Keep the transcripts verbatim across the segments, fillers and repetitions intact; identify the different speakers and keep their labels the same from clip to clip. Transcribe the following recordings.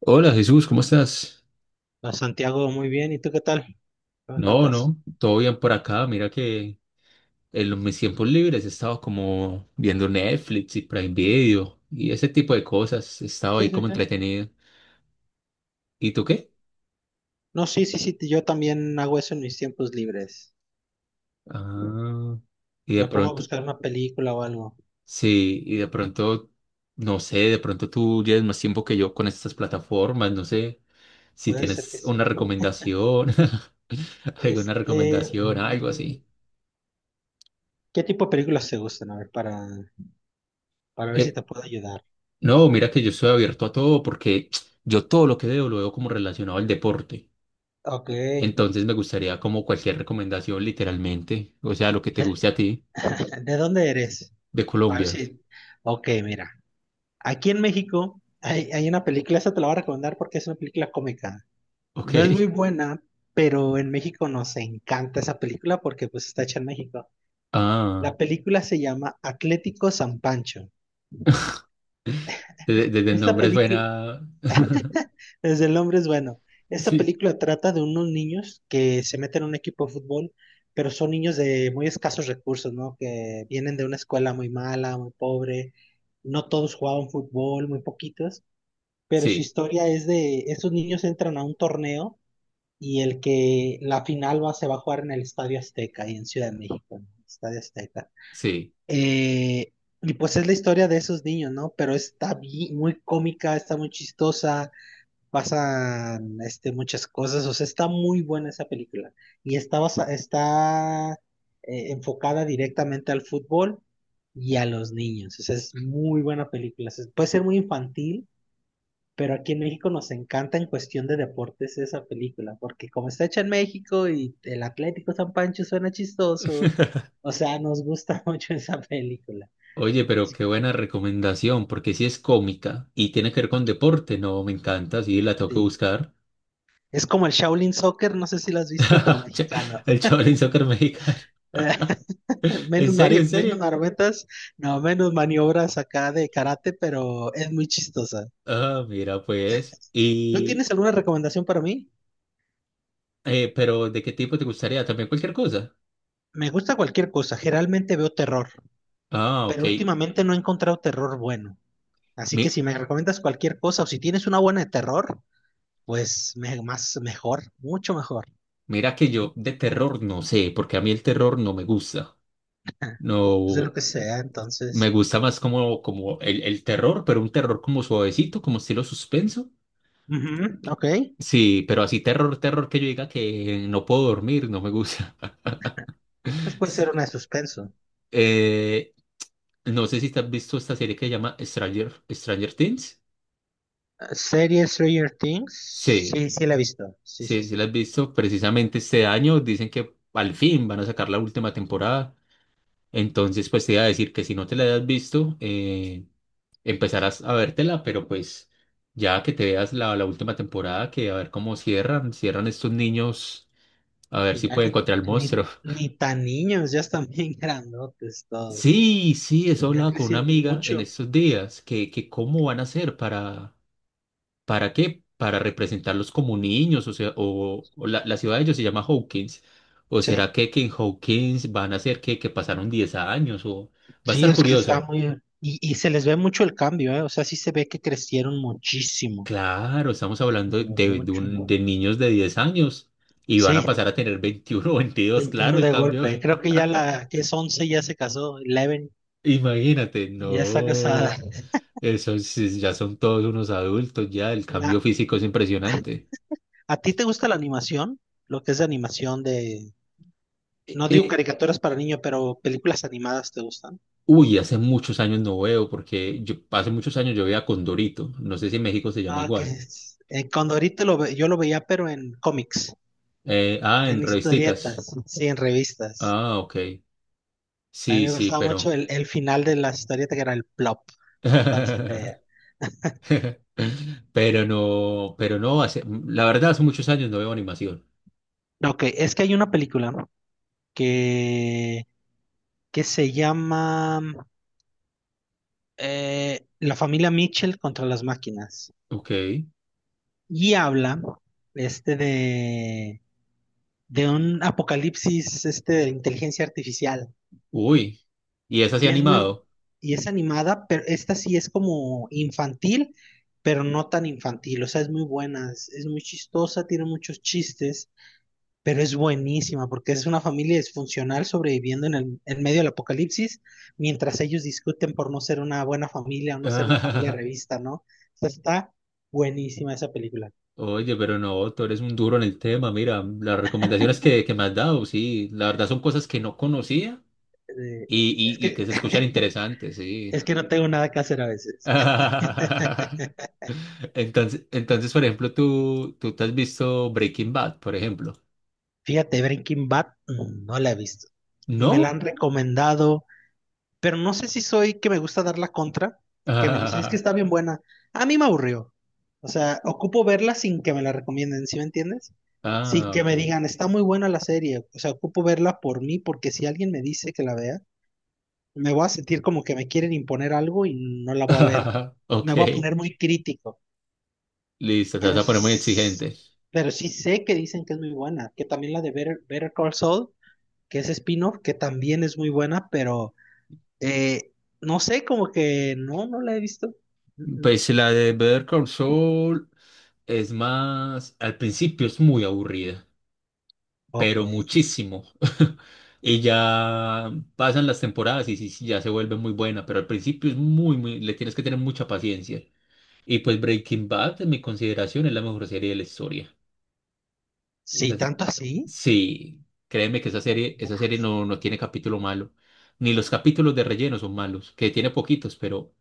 Speaker 1: Hola Jesús, ¿cómo estás?
Speaker 2: A Santiago, muy bien. ¿Y tú qué tal? ¿Qué me
Speaker 1: No,
Speaker 2: cuentas?
Speaker 1: no, todo bien por acá. Mira que en los- mis tiempos libres he estado como viendo Netflix y Prime Video y ese tipo de cosas. He estado
Speaker 2: Sí,
Speaker 1: ahí
Speaker 2: sí,
Speaker 1: como
Speaker 2: sí.
Speaker 1: entretenido. ¿Y tú qué?
Speaker 2: No, sí, sí, sí. Yo también hago eso en mis tiempos libres.
Speaker 1: Ah, y de
Speaker 2: Me pongo a
Speaker 1: pronto,
Speaker 2: buscar una película o algo.
Speaker 1: sí, y de pronto, no sé, de pronto tú llevas más tiempo que yo con estas plataformas. No sé si
Speaker 2: Puede ser que
Speaker 1: tienes
Speaker 2: sí.
Speaker 1: una recomendación, alguna
Speaker 2: Este,
Speaker 1: recomendación, algo
Speaker 2: mm,
Speaker 1: así.
Speaker 2: ¿Qué tipo de películas te gustan? A ver, para, para ver si
Speaker 1: Eh,
Speaker 2: te puedo ayudar.
Speaker 1: No, mira que yo estoy abierto a todo porque yo todo lo que veo lo veo como relacionado al deporte.
Speaker 2: Ok. ¿De,
Speaker 1: Entonces me gustaría como cualquier recomendación literalmente, o sea, lo que te guste a ti
Speaker 2: ¿de dónde eres?
Speaker 1: de
Speaker 2: A ver
Speaker 1: Colombia.
Speaker 2: si. Ok, mira. Aquí en México hay, hay una película, esa te la voy a recomendar porque es una película cómica.
Speaker 1: Ok.
Speaker 2: No es muy buena, pero en México nos encanta esa película porque pues está hecha en México.
Speaker 1: Ah,
Speaker 2: La película se llama Atlético San Pancho.
Speaker 1: desde, desde el
Speaker 2: Esta
Speaker 1: nombre
Speaker 2: película,
Speaker 1: suena.
Speaker 2: desde el nombre es bueno. Esta
Speaker 1: Sí,
Speaker 2: película trata de unos niños que se meten a un equipo de fútbol, pero son niños de muy escasos recursos, ¿no? Que vienen de una escuela muy mala, muy pobre. No todos jugaban fútbol, muy poquitos. Pero su
Speaker 1: sí,
Speaker 2: historia es de, esos niños entran a un torneo y el que la final va, se va a jugar en el Estadio Azteca, ahí en Ciudad de México, en el Estadio Azteca.
Speaker 1: sí.
Speaker 2: Eh, y pues es la historia de esos niños, ¿no? Pero está bi- muy cómica, está muy chistosa, pasan este, muchas cosas, o sea, está muy buena esa película. Y está, basa- está eh, enfocada directamente al fútbol y a los niños, o sea, es muy buena película. O sea, puede ser muy infantil, pero aquí en México nos encanta en cuestión de deportes esa película, porque como está hecha en México y el Atlético San Pancho suena chistoso, o sea, nos gusta mucho esa película.
Speaker 1: Oye, pero qué buena recomendación porque si es cómica y tiene que ver con deporte, no, me encanta, sí, la tengo que
Speaker 2: Sí.
Speaker 1: buscar.
Speaker 2: Es como el Shaolin Soccer, no sé si lo has visto, pero mexicano.
Speaker 1: El Shaolin Soccer mexicano. ¿En
Speaker 2: Menos,
Speaker 1: serio,
Speaker 2: mari-
Speaker 1: en
Speaker 2: menos
Speaker 1: serio?
Speaker 2: marometas, no, menos maniobras acá de karate, pero es muy chistosa.
Speaker 1: Ah, mira, pues.
Speaker 2: ¿Tú
Speaker 1: Y,
Speaker 2: tienes alguna recomendación para mí?
Speaker 1: eh, pero ¿de qué tipo te gustaría? ¿También cualquier cosa?
Speaker 2: Me gusta cualquier cosa, generalmente veo terror,
Speaker 1: Ah, ok.
Speaker 2: pero últimamente no he encontrado terror bueno. Así que
Speaker 1: Mi-
Speaker 2: si me recomiendas cualquier cosa o si tienes una buena de terror, pues me- más mejor, mucho mejor.
Speaker 1: mira que yo de terror no sé, porque a mí el terror no me gusta.
Speaker 2: Pues de
Speaker 1: No,
Speaker 2: lo que sea,
Speaker 1: me
Speaker 2: entonces.
Speaker 1: gusta más como, como el, el terror, pero un terror como suavecito, como estilo suspenso.
Speaker 2: Ujú, ok.
Speaker 1: Sí, pero así terror, terror que yo diga que no puedo dormir, no me gusta.
Speaker 2: Pues puede ser
Speaker 1: Sí.
Speaker 2: una de suspenso.
Speaker 1: Eh, no sé si te has visto esta serie que se llama Stranger, Stranger Things.
Speaker 2: Eh, Serie Stranger Things.
Speaker 1: Sí.
Speaker 2: Sí, sí la he visto. Sí, sí,
Speaker 1: Sí, sí la
Speaker 2: sí.
Speaker 1: has visto precisamente este año. Dicen que al fin van a sacar la última temporada. Entonces, pues te iba a decir que si no te la has visto, eh, empezarás a vértela, pero pues ya que te veas la, la última temporada, que a ver cómo cierran, cierran estos niños, a ver
Speaker 2: Y
Speaker 1: si
Speaker 2: ya
Speaker 1: pueden
Speaker 2: ni,
Speaker 1: encontrar al
Speaker 2: ni,
Speaker 1: monstruo.
Speaker 2: ni tan niños, ya están bien grandotes todos.
Speaker 1: Sí, sí, eso
Speaker 2: Ya
Speaker 1: hablaba con una
Speaker 2: crecieron
Speaker 1: amiga en
Speaker 2: mucho.
Speaker 1: estos días, que, que cómo van a hacer para, ¿para qué? Para representarlos como niños, o sea, o, o la, la ciudad de ellos se llama Hawkins. ¿O
Speaker 2: Sí.
Speaker 1: será que, que en Hawkins van a ser que, que pasaron diez años? O va a
Speaker 2: Sí,
Speaker 1: estar
Speaker 2: es que está
Speaker 1: curioso.
Speaker 2: muy... Y, y se les ve mucho el cambio, ¿eh? O sea, sí se ve que crecieron muchísimo.
Speaker 1: Claro, estamos hablando de, de- de
Speaker 2: Mucho.
Speaker 1: un- de niños de diez años y van
Speaker 2: Sí,
Speaker 1: a pasar a tener veintiuno, o veintidós, claro,
Speaker 2: veintiuno
Speaker 1: el
Speaker 2: de
Speaker 1: cambio.
Speaker 2: golpe. Creo que ya la que es once ya se casó. once
Speaker 1: Imagínate,
Speaker 2: ya está casada.
Speaker 1: no, esos sí, ya son todos unos adultos, ya el cambio
Speaker 2: La,
Speaker 1: físico es impresionante.
Speaker 2: ¿a ti te gusta la animación? Lo que es de animación de... No digo caricaturas para niños, pero películas animadas te gustan.
Speaker 1: Uy, hace muchos años no veo, porque yo, hace muchos años yo veía Condorito. No sé si en México se llama
Speaker 2: Ah, que
Speaker 1: igual.
Speaker 2: es- eh, cuando ahorita lo ve- yo lo veía, pero en cómics,
Speaker 1: Eh, ah, en
Speaker 2: en
Speaker 1: revisticas.
Speaker 2: historietas, sí, en revistas.
Speaker 1: Ah, ok.
Speaker 2: A mí
Speaker 1: Sí,
Speaker 2: me
Speaker 1: sí,
Speaker 2: gustaba
Speaker 1: pero.
Speaker 2: mucho el, el final de la historieta que era el plop, cuando se caía.
Speaker 1: Pero no, pero no, hace, la verdad, hace muchos años no veo animación.
Speaker 2: Ok, es que hay una película, ¿no? que, que se llama... eh, la familia Mitchell contra las máquinas.
Speaker 1: Ok.
Speaker 2: Y habla este de, de un apocalipsis, este de inteligencia artificial.
Speaker 1: Uy. ¿Y es así
Speaker 2: Y es muy,
Speaker 1: animado?
Speaker 2: y es animada, pero esta sí es como infantil, pero no tan infantil. O sea, es muy buena, es, es muy chistosa, tiene muchos chistes. Pero es buenísima porque es una familia disfuncional sobreviviendo en, el, en medio del apocalipsis mientras ellos discuten por no ser una buena familia o no ser una familia revista, ¿no? O sea, está buenísima esa película.
Speaker 1: Oye, pero no, tú eres un duro en el tema. Mira, las recomendaciones que, que me has dado, sí, la verdad son cosas que no conocía
Speaker 2: Eh,
Speaker 1: y, y,
Speaker 2: es
Speaker 1: y que
Speaker 2: que,
Speaker 1: se escuchan interesantes, sí.
Speaker 2: es que no tengo nada que hacer a veces.
Speaker 1: Entonces, entonces, por ejemplo, tú, tú te has visto Breaking Bad, por ejemplo.
Speaker 2: Fíjate, Breaking Bad mm, no la he visto y me la
Speaker 1: ¿No?
Speaker 2: han recomendado. Pero no sé si soy que me gusta dar la contra, que me dicen es que
Speaker 1: Ah,
Speaker 2: está bien buena. A mí me aburrió. O sea, ocupo verla sin que me la recomienden, ¿sí me entiendes? Sin
Speaker 1: ah,
Speaker 2: que
Speaker 1: ok.
Speaker 2: me digan, está muy buena la serie. O sea, ocupo verla por mí, porque si alguien me dice que la vea, me voy a sentir como que me quieren imponer algo y no la voy a ver.
Speaker 1: Ok,
Speaker 2: Me voy a poner muy crítico.
Speaker 1: listo, te vas
Speaker 2: Pero,
Speaker 1: a poner muy
Speaker 2: s-
Speaker 1: exigente.
Speaker 2: pero sí sé que dicen que es muy buena. Que también la de Better, Better Call Saul, que es spin-off, que también es muy buena, pero. Eh, no sé, como que no, no la he visto. Mm, mm.
Speaker 1: Pues la de Better Call Saul es más, al principio es muy aburrida,
Speaker 2: Ok.
Speaker 1: pero muchísimo. Y ya pasan las temporadas y sí, sí, ya se vuelve muy buena, pero al principio es muy, muy, le tienes que tener mucha paciencia. Y pues Breaking Bad, en mi consideración, es la mejor serie de la historia. Esa
Speaker 2: Sí,
Speaker 1: es-
Speaker 2: tanto así,
Speaker 1: sí, créeme que esa serie, esa serie no, no tiene capítulo malo. Ni los capítulos de relleno son malos, que tiene poquitos, pero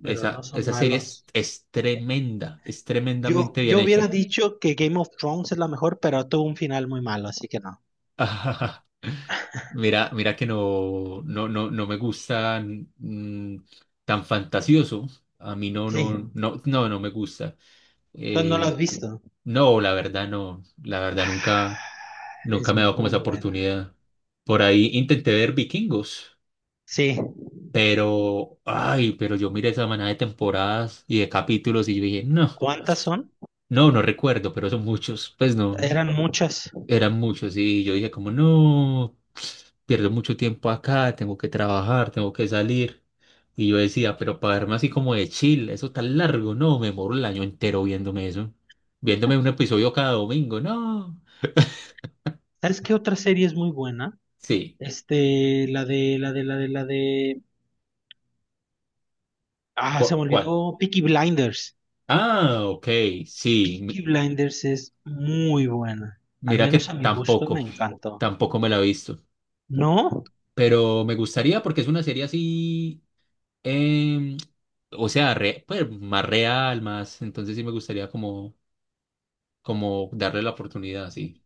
Speaker 2: pero no
Speaker 1: esa,
Speaker 2: son
Speaker 1: esa serie es,
Speaker 2: malos.
Speaker 1: es tremenda, es
Speaker 2: Yo,
Speaker 1: tremendamente bien
Speaker 2: yo hubiera
Speaker 1: hecha.
Speaker 2: dicho que Game of Thrones es la mejor, pero tuvo un final muy malo, así que no.
Speaker 1: Mira, mira que no, no, no, no me gustan mm, tan fantasioso. A mí no,
Speaker 2: Sí,
Speaker 1: no, no, no, no me gusta.
Speaker 2: entonces no lo has
Speaker 1: Eh,
Speaker 2: visto.
Speaker 1: no, la verdad no, la verdad nunca.
Speaker 2: Ah,
Speaker 1: Nunca
Speaker 2: es
Speaker 1: me he dado como
Speaker 2: muy
Speaker 1: esa
Speaker 2: buena.
Speaker 1: oportunidad. Por ahí intenté ver Vikingos,
Speaker 2: Sí,
Speaker 1: pero, ay, pero yo miré esa manada de temporadas y de capítulos y yo dije, no,
Speaker 2: ¿cuántas son?
Speaker 1: no, no recuerdo, pero son muchos. Pues no,
Speaker 2: Eran muchas.
Speaker 1: eran muchos y yo dije como, no, pierdo mucho tiempo acá, tengo que trabajar, tengo que salir. Y yo decía, pero para verme así como de chill, eso tan largo, no, me moro el año entero viéndome eso. Viéndome un episodio cada domingo, no.
Speaker 2: ¿Sabes qué otra serie es muy buena?
Speaker 1: Sí.
Speaker 2: Este, la de, la de, la de, la de... Ah, se
Speaker 1: ¿Cu-
Speaker 2: me
Speaker 1: ¿cuál?
Speaker 2: olvidó, Peaky Blinders.
Speaker 1: Ah, ok, sí.
Speaker 2: Peaky Blinders es muy buena. Al
Speaker 1: Mira que
Speaker 2: menos a mi gusto me
Speaker 1: tampoco,
Speaker 2: encantó.
Speaker 1: tampoco me la he visto,
Speaker 2: ¿No?
Speaker 1: pero me gustaría porque es una serie así, em, o sea, re- pues, más real, más, entonces sí me gustaría como, como darle la oportunidad, sí,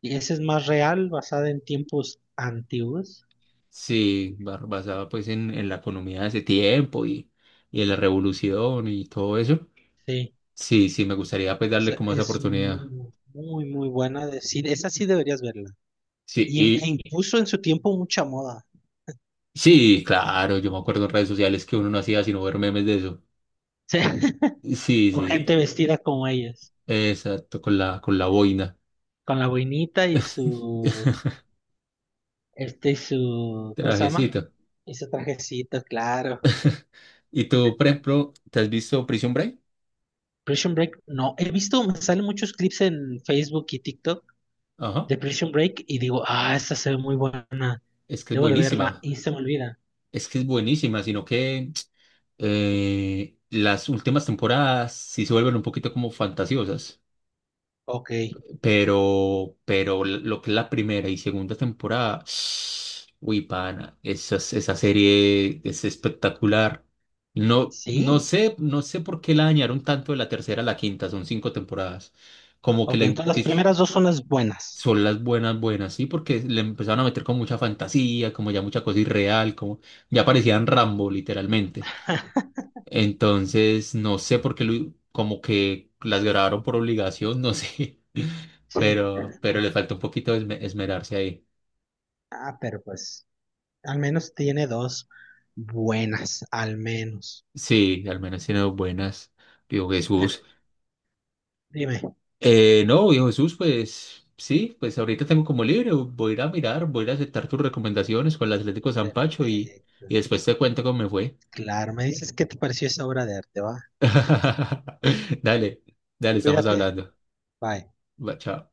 Speaker 2: Y ese es más real, basada en tiempos antiguos.
Speaker 1: sí, ba- basada pues en, en la economía de ese tiempo y, y en la revolución y todo eso,
Speaker 2: Sí.
Speaker 1: sí, sí, me gustaría pues
Speaker 2: O
Speaker 1: darle
Speaker 2: sea,
Speaker 1: como esa
Speaker 2: es
Speaker 1: oportunidad,
Speaker 2: muy, muy, muy buena. Decir, esa sí deberías verla.
Speaker 1: sí,
Speaker 2: Y, e
Speaker 1: y
Speaker 2: impuso en su tiempo mucha moda.
Speaker 1: sí, claro, yo me acuerdo en redes sociales que uno no hacía sino ver memes de eso,
Speaker 2: Sí.
Speaker 1: sí,
Speaker 2: O
Speaker 1: sí,
Speaker 2: gente vestida como ellas.
Speaker 1: exacto, con la, con la boina.
Speaker 2: Con la boinita y su. Este y su. ¿Cómo se llama?
Speaker 1: Trajecito.
Speaker 2: Y su trajecito, claro.
Speaker 1: Y tú, por ejemplo, ¿te has visto Prison Break?
Speaker 2: Prison Break, no. He visto, me salen muchos clips en Facebook y TikTok
Speaker 1: Ajá.
Speaker 2: de Prison Break y digo, ah, esta se ve muy buena,
Speaker 1: Es que es
Speaker 2: debo de verla
Speaker 1: buenísima.
Speaker 2: y se me olvida.
Speaker 1: Es que es buenísima, sino que eh, las últimas temporadas sí se vuelven un poquito como fantasiosas.
Speaker 2: Ok,
Speaker 1: Pero, pero lo que es la primera y segunda temporada, uy, pana, esa, esa serie es espectacular. No, no
Speaker 2: sí.
Speaker 1: sé, no sé por qué la dañaron tanto de la tercera a la quinta, son cinco temporadas. Como que
Speaker 2: Ok,
Speaker 1: le,
Speaker 2: entonces las
Speaker 1: que
Speaker 2: primeras dos son las buenas.
Speaker 1: son las buenas, buenas, ¿sí? Porque le empezaron a meter con mucha fantasía, como ya mucha cosa irreal, como ya parecían Rambo, literalmente. Entonces, no sé por qué, lo- como que las grabaron por obligación, no sé,
Speaker 2: Sí.
Speaker 1: pero, pero le falta un poquito de esme- esmerarse ahí.
Speaker 2: Ah, pero pues al menos tiene dos buenas, al menos.
Speaker 1: Sí, al menos tiene dos buenas, digo
Speaker 2: Pero,
Speaker 1: Jesús.
Speaker 2: dime,
Speaker 1: Eh, no, viejo Jesús, pues sí, pues ahorita tengo como libre, voy a ir a mirar, voy a ir a aceptar tus recomendaciones con el Atlético San
Speaker 2: eh,
Speaker 1: Pacho y,
Speaker 2: eh,
Speaker 1: y después te cuento cómo me fue.
Speaker 2: claro, me dices qué te pareció esa obra de arte, va.
Speaker 1: Dale, dale, estamos
Speaker 2: Cuídate,
Speaker 1: hablando.
Speaker 2: bye.
Speaker 1: Va, chao.